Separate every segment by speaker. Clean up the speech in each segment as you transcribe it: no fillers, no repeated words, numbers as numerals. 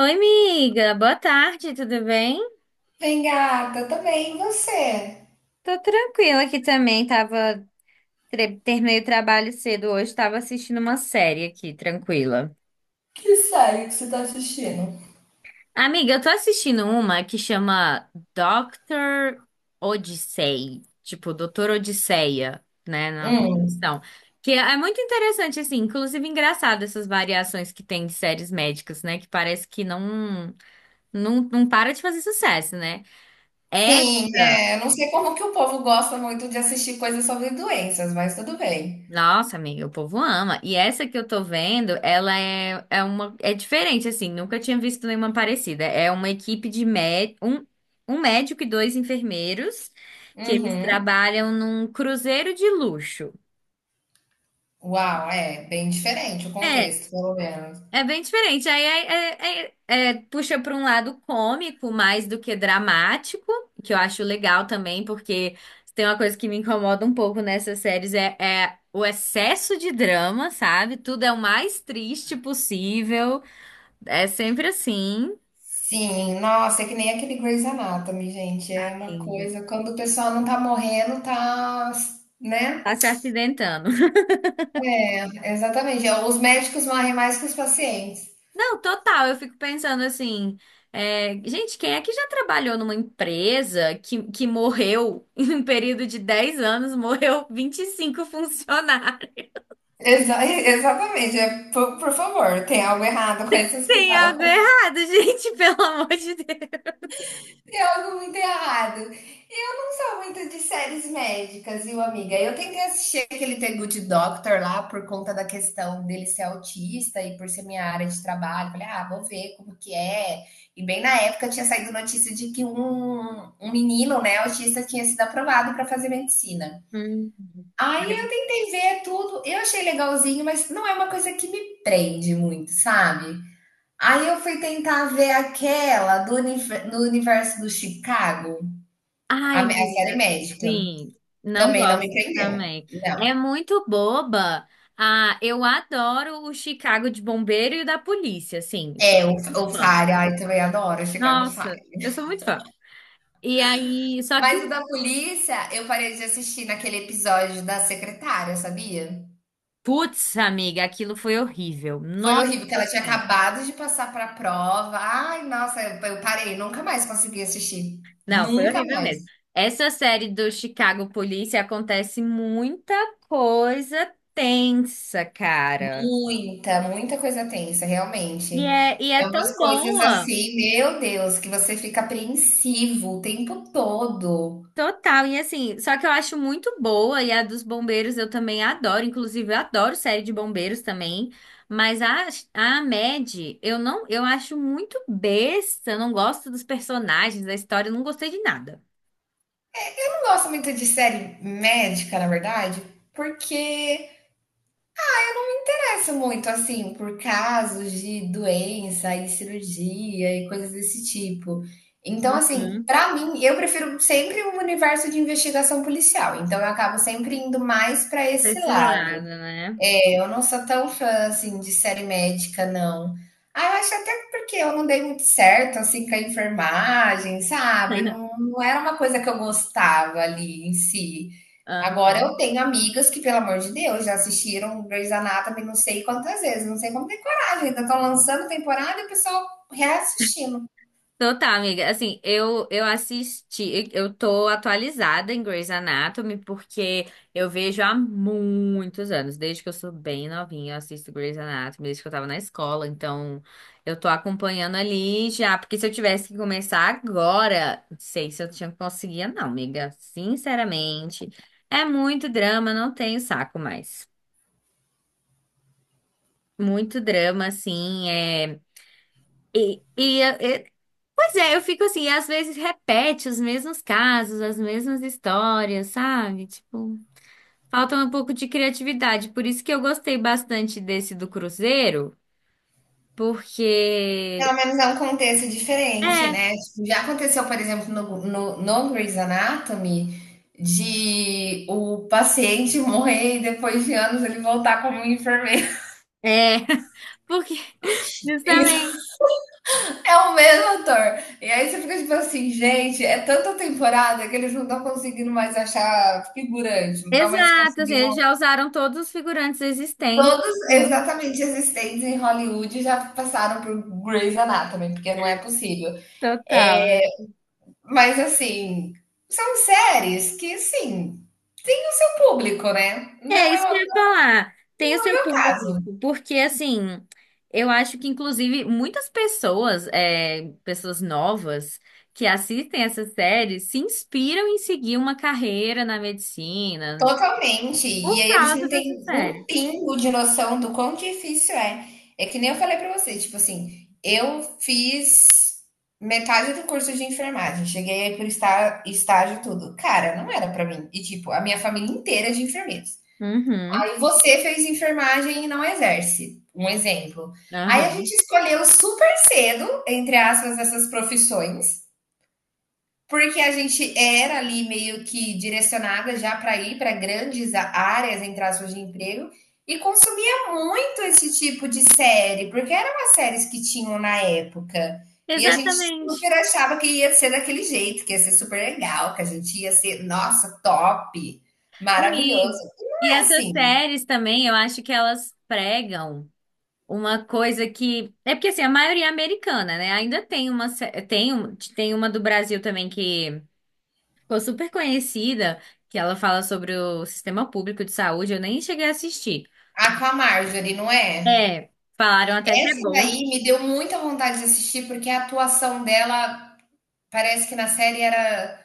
Speaker 1: Oi, amiga. Boa tarde, tudo bem?
Speaker 2: Bem, gata, tô bem, e você?
Speaker 1: Tô tranquila aqui também. Tava terminei o trabalho cedo hoje, tava assistindo uma série aqui, tranquila.
Speaker 2: Que série que você tá assistindo?
Speaker 1: Amiga, eu tô assistindo uma que chama Dr. Odyssey, tipo Doutor Odisseia, né, na
Speaker 2: Hum.
Speaker 1: tradução. Que é muito interessante assim, inclusive engraçado essas variações que tem de séries médicas, né, que parece que não para de fazer sucesso, né?
Speaker 2: Sim,
Speaker 1: Essa...
Speaker 2: é, eu não sei como que o povo gosta muito de assistir coisas sobre doenças, mas tudo bem.
Speaker 1: Nossa, amiga, o povo ama. E essa que eu tô vendo, ela é, é uma é diferente assim, nunca tinha visto nenhuma parecida. É uma equipe de mé um, um médico e dois enfermeiros que eles
Speaker 2: Uhum.
Speaker 1: trabalham num cruzeiro de luxo.
Speaker 2: Uau, é bem diferente o
Speaker 1: É,
Speaker 2: contexto, pelo menos.
Speaker 1: é bem diferente. Aí puxa para um lado cômico mais do que dramático, que eu acho legal também, porque tem uma coisa que me incomoda um pouco nessas séries é o excesso de drama, sabe? Tudo é o mais triste possível. É sempre assim.
Speaker 2: Sim, nossa, é que nem aquele Grey's Anatomy, gente, é uma
Speaker 1: Sim.
Speaker 2: coisa, quando o pessoal não tá morrendo, tá, né?
Speaker 1: Tá se acidentando.
Speaker 2: Exatamente, é, os médicos morrem mais que os pacientes.
Speaker 1: Não, total. Eu fico pensando assim, é, gente, quem é que já trabalhou numa empresa que morreu em um período de 10 anos, morreu 25 funcionários?
Speaker 2: Exatamente, é, por favor, tem algo errado com esse
Speaker 1: Tem
Speaker 2: hospital.
Speaker 1: algo errado, gente, pelo amor de Deus.
Speaker 2: Tem algo muito errado. Eu não sou muito de séries médicas, viu, amiga? Eu tentei assistir aquele The Good Doctor lá por conta da questão dele ser autista e por ser minha área de trabalho. Falei, ah, vou ver como que é. E bem na época tinha saído notícia de que um menino, né, autista, tinha sido aprovado para fazer medicina.
Speaker 1: Hum.
Speaker 2: Aí eu tentei ver tudo, eu achei legalzinho, mas não é uma coisa que me prende muito, sabe? Aí eu fui tentar ver aquela do, do universo do Chicago.
Speaker 1: Ai,
Speaker 2: A
Speaker 1: menina,
Speaker 2: série médica.
Speaker 1: sim, não
Speaker 2: Também não me
Speaker 1: gosto
Speaker 2: prendeu.
Speaker 1: também.
Speaker 2: Não.
Speaker 1: É muito boba. Ah, eu adoro o Chicago de bombeiro e o da polícia, assim,
Speaker 2: É,
Speaker 1: sou
Speaker 2: o,
Speaker 1: muito
Speaker 2: o
Speaker 1: fã.
Speaker 2: Fire, ai, também adoro Chicago
Speaker 1: Nossa,
Speaker 2: Fire.
Speaker 1: eu sou muito fã. E aí, só que
Speaker 2: Mas o
Speaker 1: o...
Speaker 2: da polícia, eu parei de assistir naquele episódio da secretária, sabia?
Speaker 1: Putz, amiga, aquilo foi horrível.
Speaker 2: Foi
Speaker 1: Nossa
Speaker 2: horrível, porque ela tinha
Speaker 1: Senhora.
Speaker 2: acabado de passar pra prova. Ai, nossa, eu parei, nunca mais consegui assistir.
Speaker 1: Não, foi
Speaker 2: Nunca
Speaker 1: horrível mesmo.
Speaker 2: mais.
Speaker 1: Essa série do Chicago Police acontece muita coisa tensa, cara.
Speaker 2: Muita, muita coisa tensa, realmente.
Speaker 1: E é
Speaker 2: É
Speaker 1: tão
Speaker 2: umas coisas
Speaker 1: boa.
Speaker 2: assim, meu Deus, que você fica apreensivo o tempo todo.
Speaker 1: Total. E assim, só que eu acho muito boa. E a dos bombeiros eu também adoro. Inclusive, eu adoro série de bombeiros também. Mas a Mad, eu não, eu acho muito besta. Eu não gosto dos personagens, da história, eu não gostei de nada.
Speaker 2: Eu não gosto muito de série médica, na verdade, porque parece muito assim, por casos de doença e cirurgia e coisas desse tipo. Então, assim,
Speaker 1: Uhum.
Speaker 2: pra mim, eu prefiro sempre um universo de investigação policial. Então, eu acabo sempre indo mais pra
Speaker 1: Pra
Speaker 2: esse
Speaker 1: esse lado,
Speaker 2: lado.
Speaker 1: né?
Speaker 2: É, eu não sou tão fã assim de série médica, não. Ah, eu acho até porque eu não dei muito certo assim com a enfermagem, sabe? Não, não era uma coisa que eu gostava ali em si. Agora eu
Speaker 1: Aham.
Speaker 2: tenho amigas que, pelo amor de Deus, já assistiram Grey's Anatomy não sei quantas vezes, não sei como tem coragem, ainda estão lançando temporada e o pessoal reassistindo.
Speaker 1: Então tá, amiga. Assim, eu assisti, eu tô atualizada em Grey's Anatomy porque eu vejo há muitos anos, desde que eu sou bem novinha, eu assisto Grey's Anatomy, desde que eu tava na escola, então eu tô acompanhando ali já, porque se eu tivesse que começar agora, não sei se eu tinha conseguia não, amiga. Sinceramente, é muito drama, não tenho saco mais. Muito drama, assim, é E, e, Pois é, eu fico assim, às vezes repete os mesmos casos, as mesmas histórias, sabe? Tipo, falta um pouco de criatividade. Por isso que eu gostei bastante desse do Cruzeiro,
Speaker 2: Pelo
Speaker 1: porque...
Speaker 2: menos é um contexto diferente,
Speaker 1: É,
Speaker 2: né? Tipo, já aconteceu, por exemplo, no Grey's Anatomy, de o paciente morrer e depois de anos ele voltar como um enfermeiro.
Speaker 1: é. Porque,
Speaker 2: Isso
Speaker 1: justamente.
Speaker 2: é o mesmo ator. E aí você fica tipo assim, gente, é tanta temporada que eles não estão conseguindo mais achar figurante, não estão mais
Speaker 1: Exato, assim,
Speaker 2: conseguindo.
Speaker 1: eles já usaram todos os figurantes existentes.
Speaker 2: Todos
Speaker 1: Hum,
Speaker 2: exatamente existentes em Hollywood já passaram por Grey's Anatomy, porque não é possível. É,
Speaker 1: Total.
Speaker 2: mas assim, são séries que sim, tem o seu público, né?
Speaker 1: É
Speaker 2: Não
Speaker 1: isso que
Speaker 2: é,
Speaker 1: eu ia
Speaker 2: não
Speaker 1: falar. Tem o
Speaker 2: é o
Speaker 1: seu
Speaker 2: meu caso.
Speaker 1: público, porque assim, eu acho que inclusive muitas pessoas, é, pessoas novas que assistem essa série se inspiram em seguir uma carreira na medicina, não sei,
Speaker 2: Totalmente. E
Speaker 1: por
Speaker 2: aí eles
Speaker 1: causa
Speaker 2: não
Speaker 1: dessa
Speaker 2: têm um
Speaker 1: série.
Speaker 2: pingo de noção do quão difícil é. É que nem eu falei pra você, tipo assim, eu fiz metade do curso de enfermagem, cheguei aí por estar estágio e tudo. Cara, não era pra mim. E tipo, a minha família inteira é de enfermeiros.
Speaker 1: Uhum,
Speaker 2: Aí você fez enfermagem e não exerce, um exemplo. Aí a
Speaker 1: aham.
Speaker 2: gente escolheu super cedo, entre aspas, essas profissões, porque a gente era ali meio que direcionada já para ir para grandes áreas, entre aspas, de emprego, e consumia muito esse tipo de série, porque eram as séries que tinham na época. E a gente
Speaker 1: Exatamente.
Speaker 2: super achava que ia ser daquele jeito, que ia ser super legal, que a gente ia ser, nossa, top,
Speaker 1: Não, E,
Speaker 2: maravilhoso. E não
Speaker 1: e
Speaker 2: é
Speaker 1: essas
Speaker 2: assim.
Speaker 1: séries também, eu acho que elas pregam uma coisa que... É porque assim, a maioria é americana, né? Ainda tem uma, tem, tem uma do Brasil também que ficou super conhecida, que ela fala sobre o sistema público de saúde, eu nem cheguei a assistir.
Speaker 2: A com a Marjorie, não é?
Speaker 1: É, falaram até que é
Speaker 2: Essa
Speaker 1: bom.
Speaker 2: daí me deu muita vontade de assistir, porque a atuação dela parece que na série era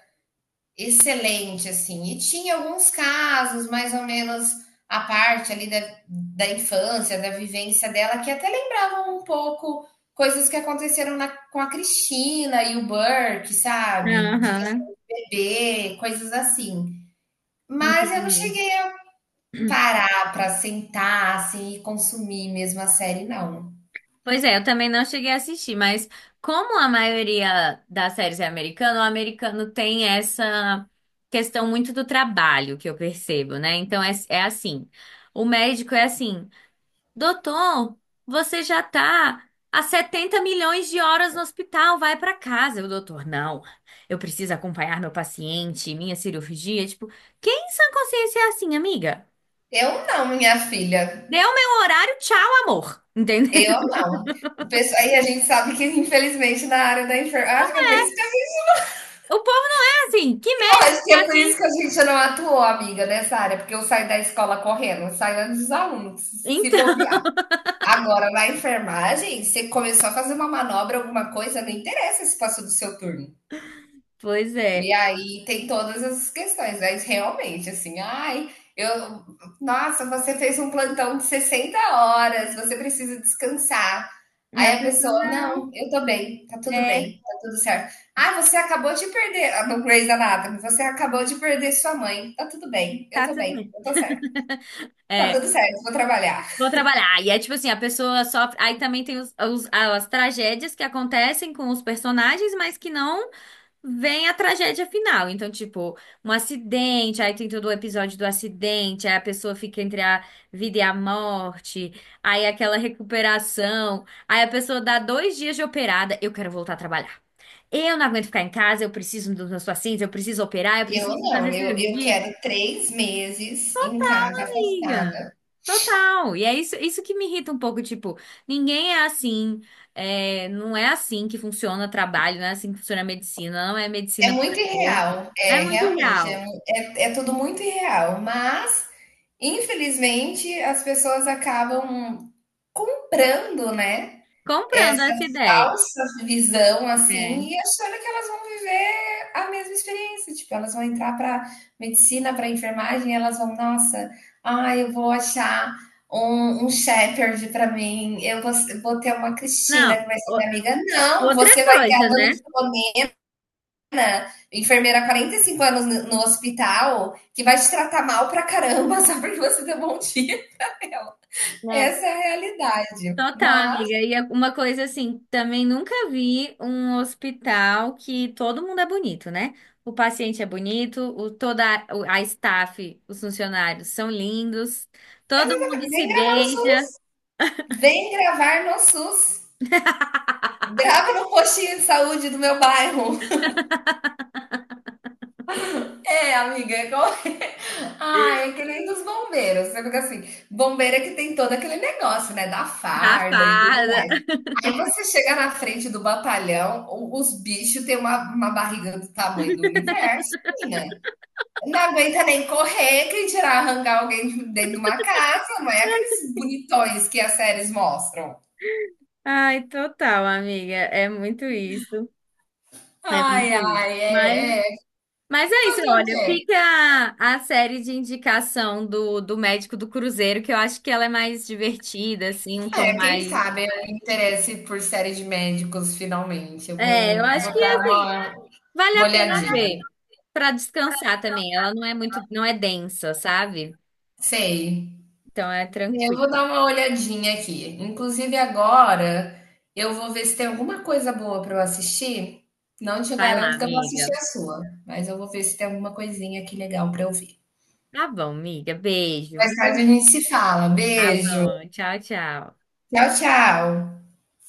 Speaker 2: excelente, assim. E tinha alguns casos, mais ou menos, a parte ali da infância, da vivência dela, que até lembravam um pouco coisas que aconteceram com a Cristina e o Burke, sabe? De questão
Speaker 1: Aham,
Speaker 2: de bebê, coisas assim. Mas eu não
Speaker 1: entendi.
Speaker 2: cheguei a parar para sentar, assim, e consumir mesmo a série, não.
Speaker 1: Pois é, eu também não cheguei a assistir, mas como a maioria das séries é americana, o americano tem essa questão muito do trabalho que eu percebo, né? Então é, é assim, o médico é assim. Doutor, você já tá há 70 milhões de horas no hospital, vai pra casa. O doutor, não, eu preciso acompanhar meu paciente, minha cirurgia. Tipo, quem em sã consciência é assim, amiga?
Speaker 2: Eu não, minha filha.
Speaker 1: Deu meu horário, tchau, amor. Entendeu?
Speaker 2: Eu não. O pessoal, aí a gente sabe que, infelizmente, na área da enfermagem. Acho que é por isso que eu
Speaker 1: O povo não é assim. Que
Speaker 2: não,
Speaker 1: médico
Speaker 2: acho
Speaker 1: que
Speaker 2: que é
Speaker 1: é
Speaker 2: por
Speaker 1: assim?
Speaker 2: isso que a gente não atuou, amiga, nessa área, porque eu saí da escola correndo, eu saí antes dos alunos, se
Speaker 1: Então,
Speaker 2: bobear. Agora, na enfermagem, você começou a fazer uma manobra, alguma coisa, não interessa se passou do seu turno.
Speaker 1: pois é.
Speaker 2: E aí tem todas essas questões, mas realmente, assim, ai, eu, nossa, você fez um plantão de 60 horas, você precisa descansar.
Speaker 1: A
Speaker 2: Aí a
Speaker 1: pessoa,
Speaker 2: pessoa,
Speaker 1: não,
Speaker 2: não, eu tô
Speaker 1: é,
Speaker 2: bem, tá tudo certo. Ah, você acabou de perder, ah, no Grey's Anatomy, você acabou de perder sua mãe, tá tudo
Speaker 1: tá tudo
Speaker 2: bem,
Speaker 1: bem.
Speaker 2: eu tô certo, tá
Speaker 1: É,
Speaker 2: tudo certo, vou trabalhar.
Speaker 1: vou trabalhar. E é tipo assim, a pessoa sofre. Aí também tem as tragédias que acontecem com os personagens, mas que não... vem a tragédia final. Então, tipo, um acidente, aí tem todo o episódio do acidente, aí a pessoa fica entre a vida e a morte, aí aquela recuperação, aí a pessoa dá 2 dias de operada, eu quero voltar a trabalhar. Eu não aguento ficar em casa, eu preciso dos meus pacientes, eu preciso operar, eu
Speaker 2: Eu
Speaker 1: preciso fazer
Speaker 2: não, eu
Speaker 1: cirurgia.
Speaker 2: quero 3 meses em casa
Speaker 1: Amiga,
Speaker 2: afastada.
Speaker 1: total. E é isso, isso que me irrita um pouco, tipo, ninguém é assim, é, não é assim que funciona o trabalho, não é assim que funciona a medicina, não é
Speaker 2: É
Speaker 1: medicina por
Speaker 2: muito
Speaker 1: amor.
Speaker 2: irreal,
Speaker 1: É
Speaker 2: é,
Speaker 1: muito
Speaker 2: realmente, é
Speaker 1: real.
Speaker 2: mu é é tudo muito irreal, mas, infelizmente, as pessoas acabam comprando, né,
Speaker 1: Comprando
Speaker 2: essa
Speaker 1: essa ideia.
Speaker 2: falsa visão,
Speaker 1: É.
Speaker 2: assim, e achando que elas vão viver a mesma experiência, tipo, elas vão entrar para medicina, para enfermagem, e elas vão: "Nossa, ah, eu vou achar um shepherd para mim, eu vou ter uma Cristina
Speaker 1: Não,
Speaker 2: que vai ser minha amiga",
Speaker 1: é
Speaker 2: não,
Speaker 1: outra
Speaker 2: você vai ter a
Speaker 1: coisa,
Speaker 2: dona
Speaker 1: né?
Speaker 2: enfermeira há 45 anos hospital que vai te tratar mal pra caramba só porque você deu bom dia.
Speaker 1: Não,
Speaker 2: Essa é a realidade.
Speaker 1: total,
Speaker 2: Mas,
Speaker 1: amiga. E é uma coisa assim, também nunca vi um hospital que todo mundo é bonito, né? O paciente é bonito, toda a, a staff, os funcionários são lindos, todo mundo se
Speaker 2: vem gravar no
Speaker 1: beija,
Speaker 2: SUS. Vem gravar no SUS. Grava no postinho de saúde do meu bairro. É, amiga. É como. Ai, é que nem dos bombeiros. Você fica assim, bombeira que tem todo aquele negócio, né? Da
Speaker 1: dá
Speaker 2: farda e tudo
Speaker 1: farda.
Speaker 2: mais. Aí você chega na frente do batalhão, os bichos têm uma barriga do tamanho do universo, menina. Não aguenta nem correr, quem tirar arrancar alguém de dentro de uma casa, não é aqueles bonitões que as séries mostram.
Speaker 1: Ai, total, amiga. É muito isso. É
Speaker 2: Ai,
Speaker 1: muito isso.
Speaker 2: ai,
Speaker 1: Mas,
Speaker 2: é, é.
Speaker 1: mas é isso,
Speaker 2: Fazer o
Speaker 1: olha,
Speaker 2: quê?
Speaker 1: fica a série de indicação do, do médico do Cruzeiro, que eu acho que ela é mais divertida, assim, um tom
Speaker 2: É, quem
Speaker 1: mais...
Speaker 2: sabe eu me interesse por série de médicos finalmente. Eu
Speaker 1: É, eu
Speaker 2: vou, é,
Speaker 1: acho que
Speaker 2: vou dar
Speaker 1: assim,
Speaker 2: uma,
Speaker 1: vale
Speaker 2: uma
Speaker 1: a pena
Speaker 2: olhadinha.
Speaker 1: ver pra descansar também. Ela não é muito, não é densa, sabe?
Speaker 2: Sei.
Speaker 1: Então é
Speaker 2: Eu
Speaker 1: tranquilo.
Speaker 2: vou dar uma olhadinha aqui. Inclusive agora eu vou ver se tem alguma coisa boa para eu assistir. Não te
Speaker 1: Vai lá,
Speaker 2: garanto que eu vou assistir
Speaker 1: amiga.
Speaker 2: a sua, mas eu vou ver se tem alguma coisinha aqui legal para eu ver.
Speaker 1: Tá bom, amiga. Beijo,
Speaker 2: Mais tarde a
Speaker 1: viu?
Speaker 2: gente se fala.
Speaker 1: Tá
Speaker 2: Beijo.
Speaker 1: bom. Tchau, tchau.
Speaker 2: Tchau, tchau.